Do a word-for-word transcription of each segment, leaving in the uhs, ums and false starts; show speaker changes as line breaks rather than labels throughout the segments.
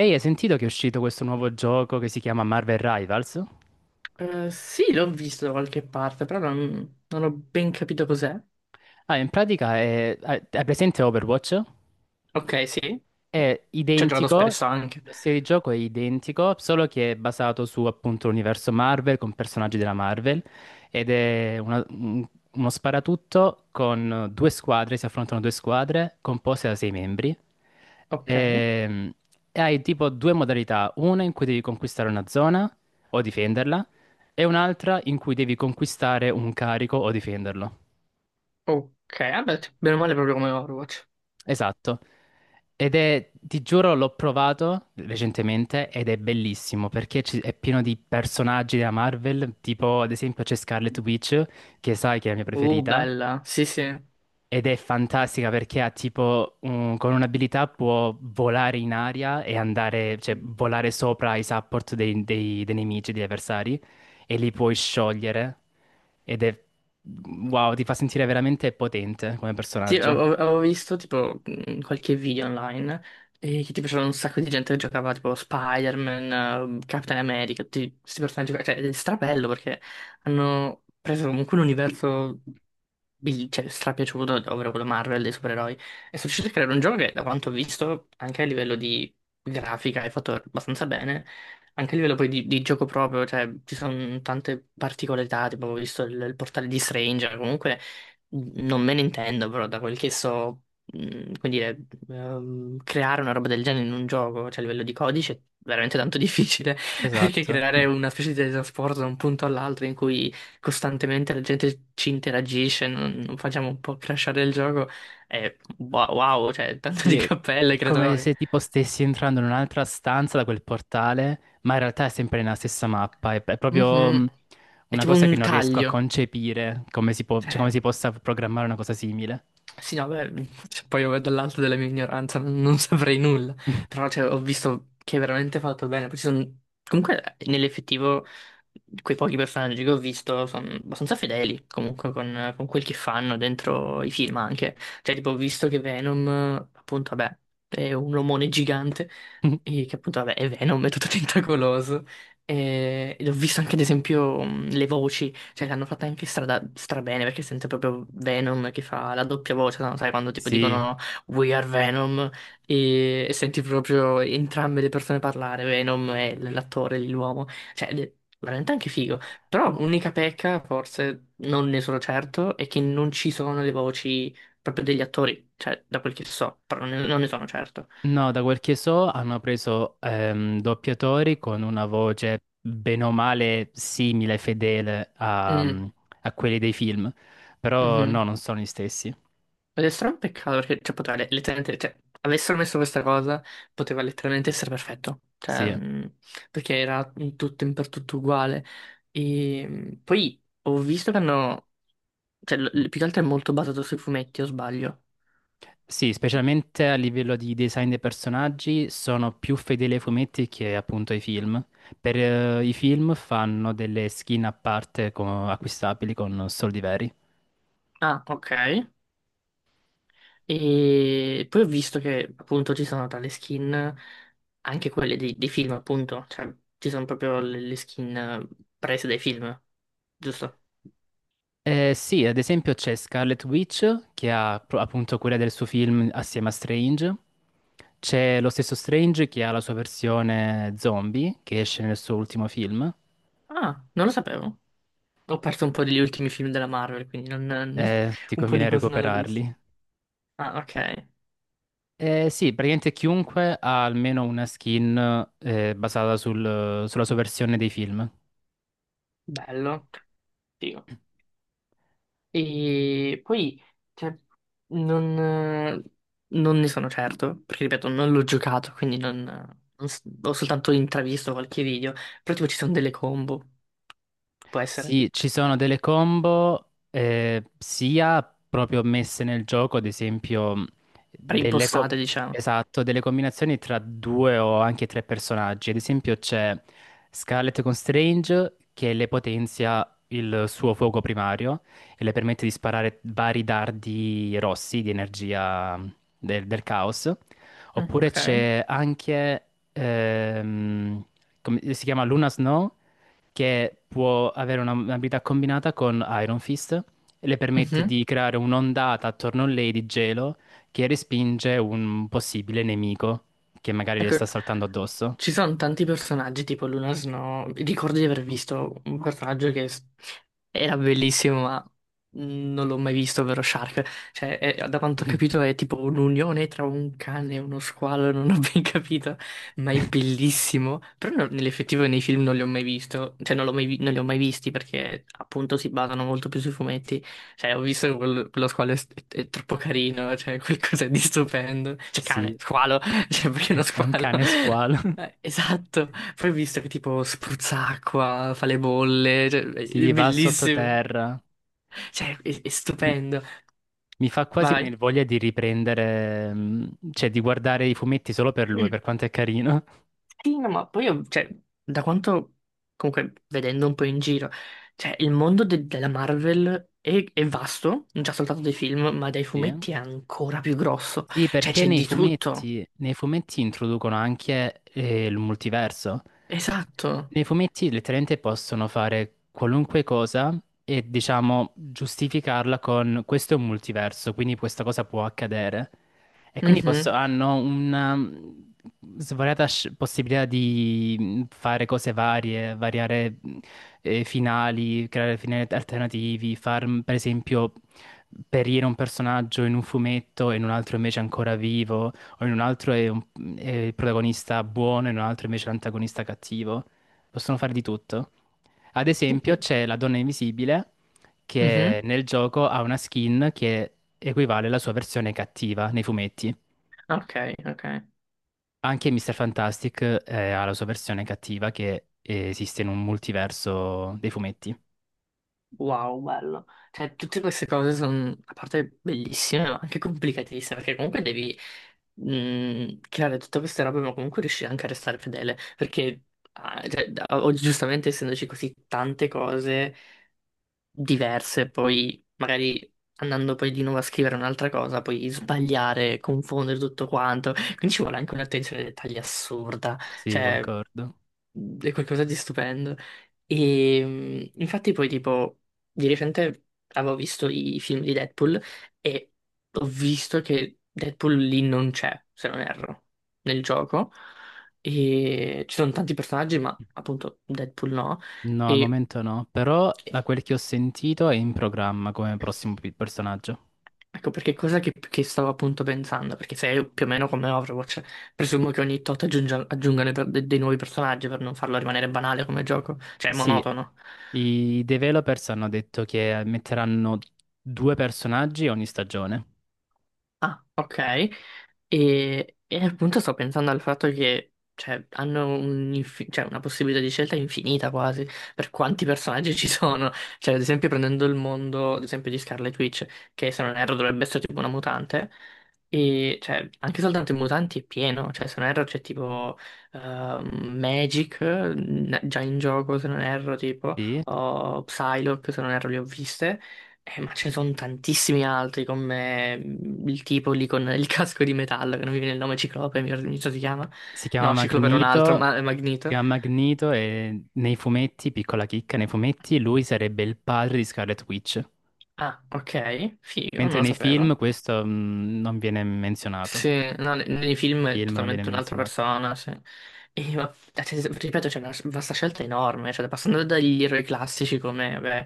Ehi, hai sentito che è uscito questo nuovo gioco che si chiama Marvel Rivals?
Eh, sì, l'ho visto da qualche parte, però non, non ho ben capito cos'è.
Ah, in pratica è... Hai hai presente Overwatch?
Ok, sì,
È
ci ho giocato
identico,
spesso anche.
lo stile di gioco è identico, solo che è basato su appunto l'universo Marvel con personaggi della Marvel ed è una- un- uno sparatutto con due squadre, si affrontano due squadre composte da sei membri.
Ok,
Ehm, E hai tipo due modalità, una in cui devi conquistare una zona o difenderla e un'altra in cui devi conquistare un carico o difenderlo.
ok, vabbè, bene o male proprio come Overwatch.
Esatto. Ed è, ti giuro, l'ho provato recentemente ed è bellissimo perché ci- è pieno di personaggi della Marvel, tipo ad esempio c'è Scarlet Witch, che sai che è la mia
Uh,
preferita,
bella, sì, sì.
ed è fantastica perché ha tipo, un- con un'abilità può volare in aria e andare, cioè volare sopra i support dei, dei dei nemici, degli avversari, e li puoi sciogliere. Ed è, wow, ti fa sentire veramente potente come
Sì,
personaggio.
avevo avevo visto tipo mh, qualche video online e che tipo c'era un sacco di gente che giocava tipo Spider-Man, eh, Captain America, tutti questi personaggi, qua. Cioè è strabello perché hanno preso comunque un universo bi- cioè, strapiaciuto, ovvero quello Marvel dei supereroi, e sono riusciti a creare un gioco che da quanto ho visto anche a livello di grafica è fatto abbastanza bene, anche a livello poi di, di gioco proprio, cioè ci sono tante particolarità, tipo ho visto il, il portale di Stranger, comunque. Non me ne intendo, però, da quel che so, mh, come dire, ehm, creare una roba del genere in un gioco, cioè a livello di codice, è veramente tanto difficile, perché
Esatto.
creare una specie di teletrasporto da un punto all'altro in cui costantemente la gente ci interagisce, non, non facciamo un po' crashare il gioco, è wa- wow, cioè tanto
Sì,
di
è
cappelle
è
ai
come
creatori.
se tipo stessi entrando in un'altra stanza da quel portale, ma in realtà è sempre nella stessa mappa. È, è proprio
Mhm.
mh,
È
una
tipo
cosa che
un
non riesco a
taglio.
concepire, come si può- cioè,
Cioè,
come si possa programmare una cosa simile.
sì, no, beh, cioè, poi io dall'alto della mia ignoranza non, non saprei nulla, però cioè, ho visto che è veramente fatto bene. Poi ci sono. Comunque, nell'effettivo, quei pochi personaggi che ho visto sono abbastanza fedeli, comunque, con, con quel che fanno dentro i film anche. Cioè, tipo, ho visto che Venom, appunto, vabbè, è un omone gigante, e che appunto, vabbè, è Venom, è tutto tentacoloso. E, ed ho visto anche, ad esempio, mh, le voci. Cioè, l'hanno fatta anche strada, strabene perché sente proprio Venom che fa la doppia voce, no? Sai, quando tipo dicono
Sì,
no, we are Venom e, e senti proprio entrambe le persone parlare, Venom e l- l'attore, l'uomo. Cioè, ed è veramente anche figo. Però l'unica pecca, forse, non ne sono certo, è che non ci sono le voci proprio degli attori, cioè, da quel che so, però ne- non ne sono certo.
no, da quel che so hanno preso ehm, doppiatori con una voce bene o male simile, fedele a,
Mm,
mm, a quelli dei film, però no,
mhm.
non sono gli stessi.
Ed è strano un peccato perché cioè, poteva le- letteralmente, cioè, avessero messo questa cosa, poteva letteralmente essere perfetto, cioè,
Sì.
mh, perché era in tutto in per tutto uguale. E mh, poi ho visto che hanno, cioè, l- l- più che altro è molto basato sui fumetti, o sbaglio?
Sì, specialmente a livello di design dei personaggi sono più fedeli ai fumetti che appunto ai film. Per eh, i film fanno delle skin a parte co- acquistabili con soldi veri.
Ah, ok. E poi ho visto che appunto ci sono tra le skin, anche quelle dei, dei film, appunto, cioè, ci sono proprio le, le skin eh, prese dai film, giusto?
Eh, sì, ad esempio c'è Scarlet Witch che ha pro- appunto quella del suo film assieme a Strange. C'è lo stesso Strange che ha la sua versione zombie che esce nel suo ultimo film.
Ah, non lo sapevo. Ho perso un po' degli ultimi film della Marvel, quindi non.
Eh, ti
Un po' di
conviene
cose non le ho viste.
recuperarli.
Ah, ok.
Eh, sì, praticamente chiunque ha almeno una skin eh, basata sul- sulla sua versione dei film.
Bello. Figo. E poi, cioè, non, eh, non ne sono certo, perché ripeto, non l'ho giocato, quindi non, non s- ho soltanto intravisto qualche video. Però tipo ci sono delle combo, può essere,
Sì, ci sono delle combo eh, sia proprio messe nel gioco, ad esempio delle, co-
preimpostate, diciamo.
esatto, delle combinazioni tra due o anche tre personaggi. Ad esempio c'è Scarlet con Strange che le potenzia il suo fuoco primario e le permette di sparare vari dardi rossi di energia del, del caos.
Mm,
Oppure
ok.
c'è anche, ehm, come si chiama Luna Snow? Che può avere una- un'abilità combinata con Iron Fist e le permette
Mhm.
di creare un'ondata attorno a lei di gelo che respinge un possibile nemico che magari le
Ecco,
sta saltando addosso.
ci sono tanti personaggi, tipo Luna Snow. Ricordo di aver visto un personaggio che s- era bellissimo, ma non l'ho mai visto, ovvero Shark. Cioè, è- da quanto ho capito è tipo un'unione tra un cane e uno squalo, non ho ben capito, ma è bellissimo. Però no- nell'effettivo nei film non li ho mai visto, cioè non, l'ho mai vi- non li ho mai visti perché appunto si basano molto più sui fumetti. Cioè, ho visto che quel- quello squalo è, è troppo carino, cioè qualcosa di stupendo. Cioè, cane,
Sì,
squalo, cioè perché uno
è un
squalo?
cane squalo.
Eh, esatto. Poi ho visto che tipo spruzza acqua, fa le bolle, cioè, è è
Sì, va
bellissimo.
sottoterra.
Cioè, è, è
Mi,
stupendo.
mi fa
Ma
quasi
vai.
venire voglia di riprendere, mm, cioè di guardare i fumetti solo per lui,
Mm.
per quanto è carino.
Sì, no, ma poi, ho- cioè, da quanto, comunque, vedendo un po' in giro, cioè, il mondo de- della Marvel è, è vasto, non già soltanto dei film, ma dai
Sì.
fumetti è ancora più grosso.
Sì,
Cioè,
perché
c'è
nei
di tutto.
fumetti, nei fumetti introducono anche eh, il multiverso.
Esatto.
Nei fumetti letteralmente possono fare qualunque cosa e diciamo giustificarla con questo è un multiverso, quindi questa cosa può accadere. E quindi posso-
Mhm.
hanno una mh, svariata sc- possibilità di mh, fare cose varie, variare mh, eh, finali, creare finali alternativi, far mh, per esempio perire un personaggio in un fumetto e in un altro invece ancora vivo, o in un altro è, un- è il protagonista buono e in un altro invece l'antagonista cattivo, possono fare di tutto. Ad
Sì,
esempio,
sì.
c'è la donna invisibile che
Mhm.
nel gioco ha una skin che equivale alla sua versione cattiva nei fumetti.
Ok, ok.
Anche mister Fantastic eh, ha la sua versione cattiva che esiste in un multiverso dei fumetti.
Wow, bello. Cioè, tutte queste cose sono, a parte bellissime, ma anche complicatissime, perché comunque devi mh, creare tutte queste robe, ma comunque riuscire anche a restare fedele, perché ah, cioè, da- oggi giustamente essendoci così tante cose diverse, poi magari andando poi di nuovo a scrivere un'altra cosa, poi sbagliare, confondere tutto quanto, quindi ci vuole anche un'attenzione ai dettagli assurda,
Sì,
cioè,
concordo.
è qualcosa di stupendo. E mh, infatti poi tipo di recente avevo visto i film di Deadpool e ho visto che Deadpool lì non c'è, se non erro, nel gioco. E ci sono tanti personaggi, ma appunto Deadpool no.
No, al
E
momento no, però da quel che ho sentito è in programma come prossimo pi- personaggio.
ecco perché cosa che, che stavo appunto pensando, perché se è più o meno come Overwatch, presumo che ogni tot aggiunga- aggiungano per- de- dei nuovi personaggi per non farlo rimanere banale come gioco, cioè
Sì,
monotono.
i developers hanno detto che metteranno due personaggi ogni stagione.
Ah, ok. E, e appunto sto pensando al fatto che cioè, hanno un infi- cioè, una possibilità di scelta infinita quasi per quanti personaggi ci sono. Cioè, ad esempio, prendendo il mondo, ad esempio, di Scarlet Witch, che se non erro dovrebbe essere tipo una mutante, e cioè, anche soltanto i mutanti è pieno. Cioè, se non erro c'è tipo ehm, Magic n- già in gioco, se non erro, tipo,
Sì.
o Psylocke, se non erro, le ho viste. Eh, ma ce ne sono tantissimi altri come mm, il tipo lì con il casco di metallo, che non mi viene il nome Ciclope, mi mi sa si chiama.
Si chiama
No, Ciclope era un altro,
Magneto,
ma è
si
Magneto.
chiama Magneto e nei fumetti, piccola chicca, nei fumetti lui sarebbe il padre di Scarlet Witch,
Ah, ok, figo, non
mentre
lo
nei film
sapevo.
questo mh, non viene menzionato.
Sì, no, ne- nei film è
Film non viene
totalmente un'altra
menzionato.
persona, sì. E, ma, cioè, ripeto, c'è una vasta scelta enorme, cioè, passando dagli eroi classici come vabbè,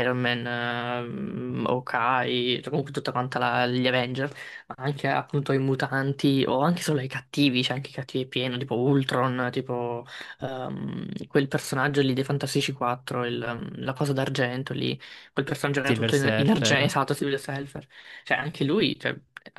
Iron Man, ehm, Hawkeye, cioè, comunque tutta quanta la- gli Avenger, ma anche appunto i mutanti o anche solo i cattivi, c'è anche i cattivi pieno, tipo Ultron, tipo ehm, quel personaggio lì dei Fantastici quattro, il, ehm, la cosa d'argento lì, quel personaggio che era
Silver
tutto in, in argento,
Surfer,
esatto, Silver Surfer. Cioè, anche lui, cioè,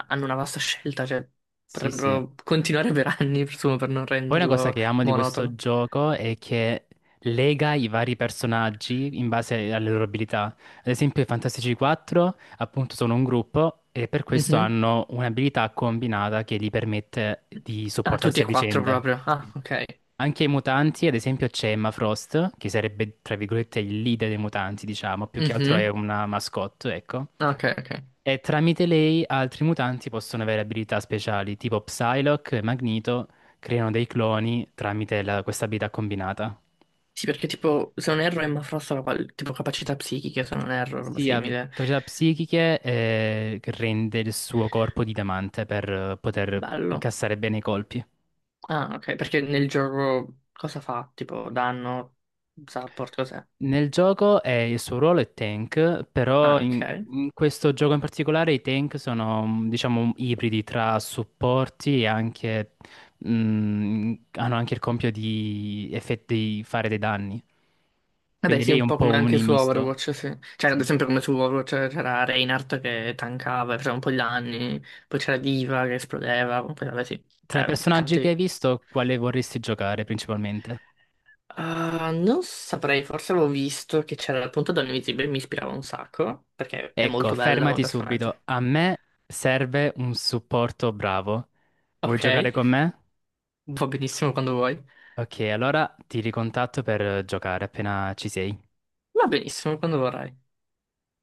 hanno una vasta scelta, cioè,
sì sì.
potrebbero continuare per anni, presumo, per non
Poi una cosa
renderlo
che amo di questo
monotono.
gioco è che lega i vari personaggi in base alle loro abilità. Ad esempio, i Fantastici quattro appunto sono un gruppo e per questo
Mhm.
hanno un'abilità combinata che gli permette di
Ah, tutti
supportarsi
e
a
quattro
vicenda.
proprio. Ah,
Sì.
ok.
Anche i mutanti, ad esempio, c'è Emma Frost, che sarebbe tra virgolette il leader dei mutanti, diciamo, più che altro è
Mhm.
una mascotte, ecco.
Ok, ok.
E tramite lei altri mutanti possono avere abilità speciali, tipo Psylocke e Magneto, creano dei cloni tramite la- questa abilità combinata.
Sì, perché tipo, se non erro, Emma Frost aveva qual- tipo capacità psichiche, se non erro, roba
Sì, ha
simile.
capacità psichiche eh, che rende il suo corpo di diamante per eh, poter
Bello.
incassare bene i colpi.
Ah, ok, perché nel gioco cosa fa? Tipo, danno, support, cos'è?
Nel gioco eh, il suo ruolo è tank, però
Ah,
in,
ok.
in questo gioco in particolare i tank sono, mm, diciamo, ibridi tra supporti e anche, mm, hanno anche il compito di, effetti- di fare dei danni.
Vabbè,
Quindi
sì,
lei è
un
un
po'
po'
come
un
anche su
misto.
Overwatch, sì. Cioè, ad
Sì.
esempio come su Overwatch c'era Reinhardt che tankava, faceva un po' di danni, poi c'era Diva che esplodeva, poi vabbè sì,
Tra i
cioè,
personaggi che
tanti.
hai visto, quale vorresti giocare principalmente?
Ah, non saprei, forse avevo visto che c'era il punto donna invisibile, mi ispirava un sacco, perché è
Ecco,
molto bella come
fermati
personaggio.
subito. A me serve un supporto bravo. Vuoi
Ok,
giocare con me?
va benissimo quando vuoi.
Ok, allora ti ricontatto per eh, giocare appena ci sei.
Va benissimo quando vorrai.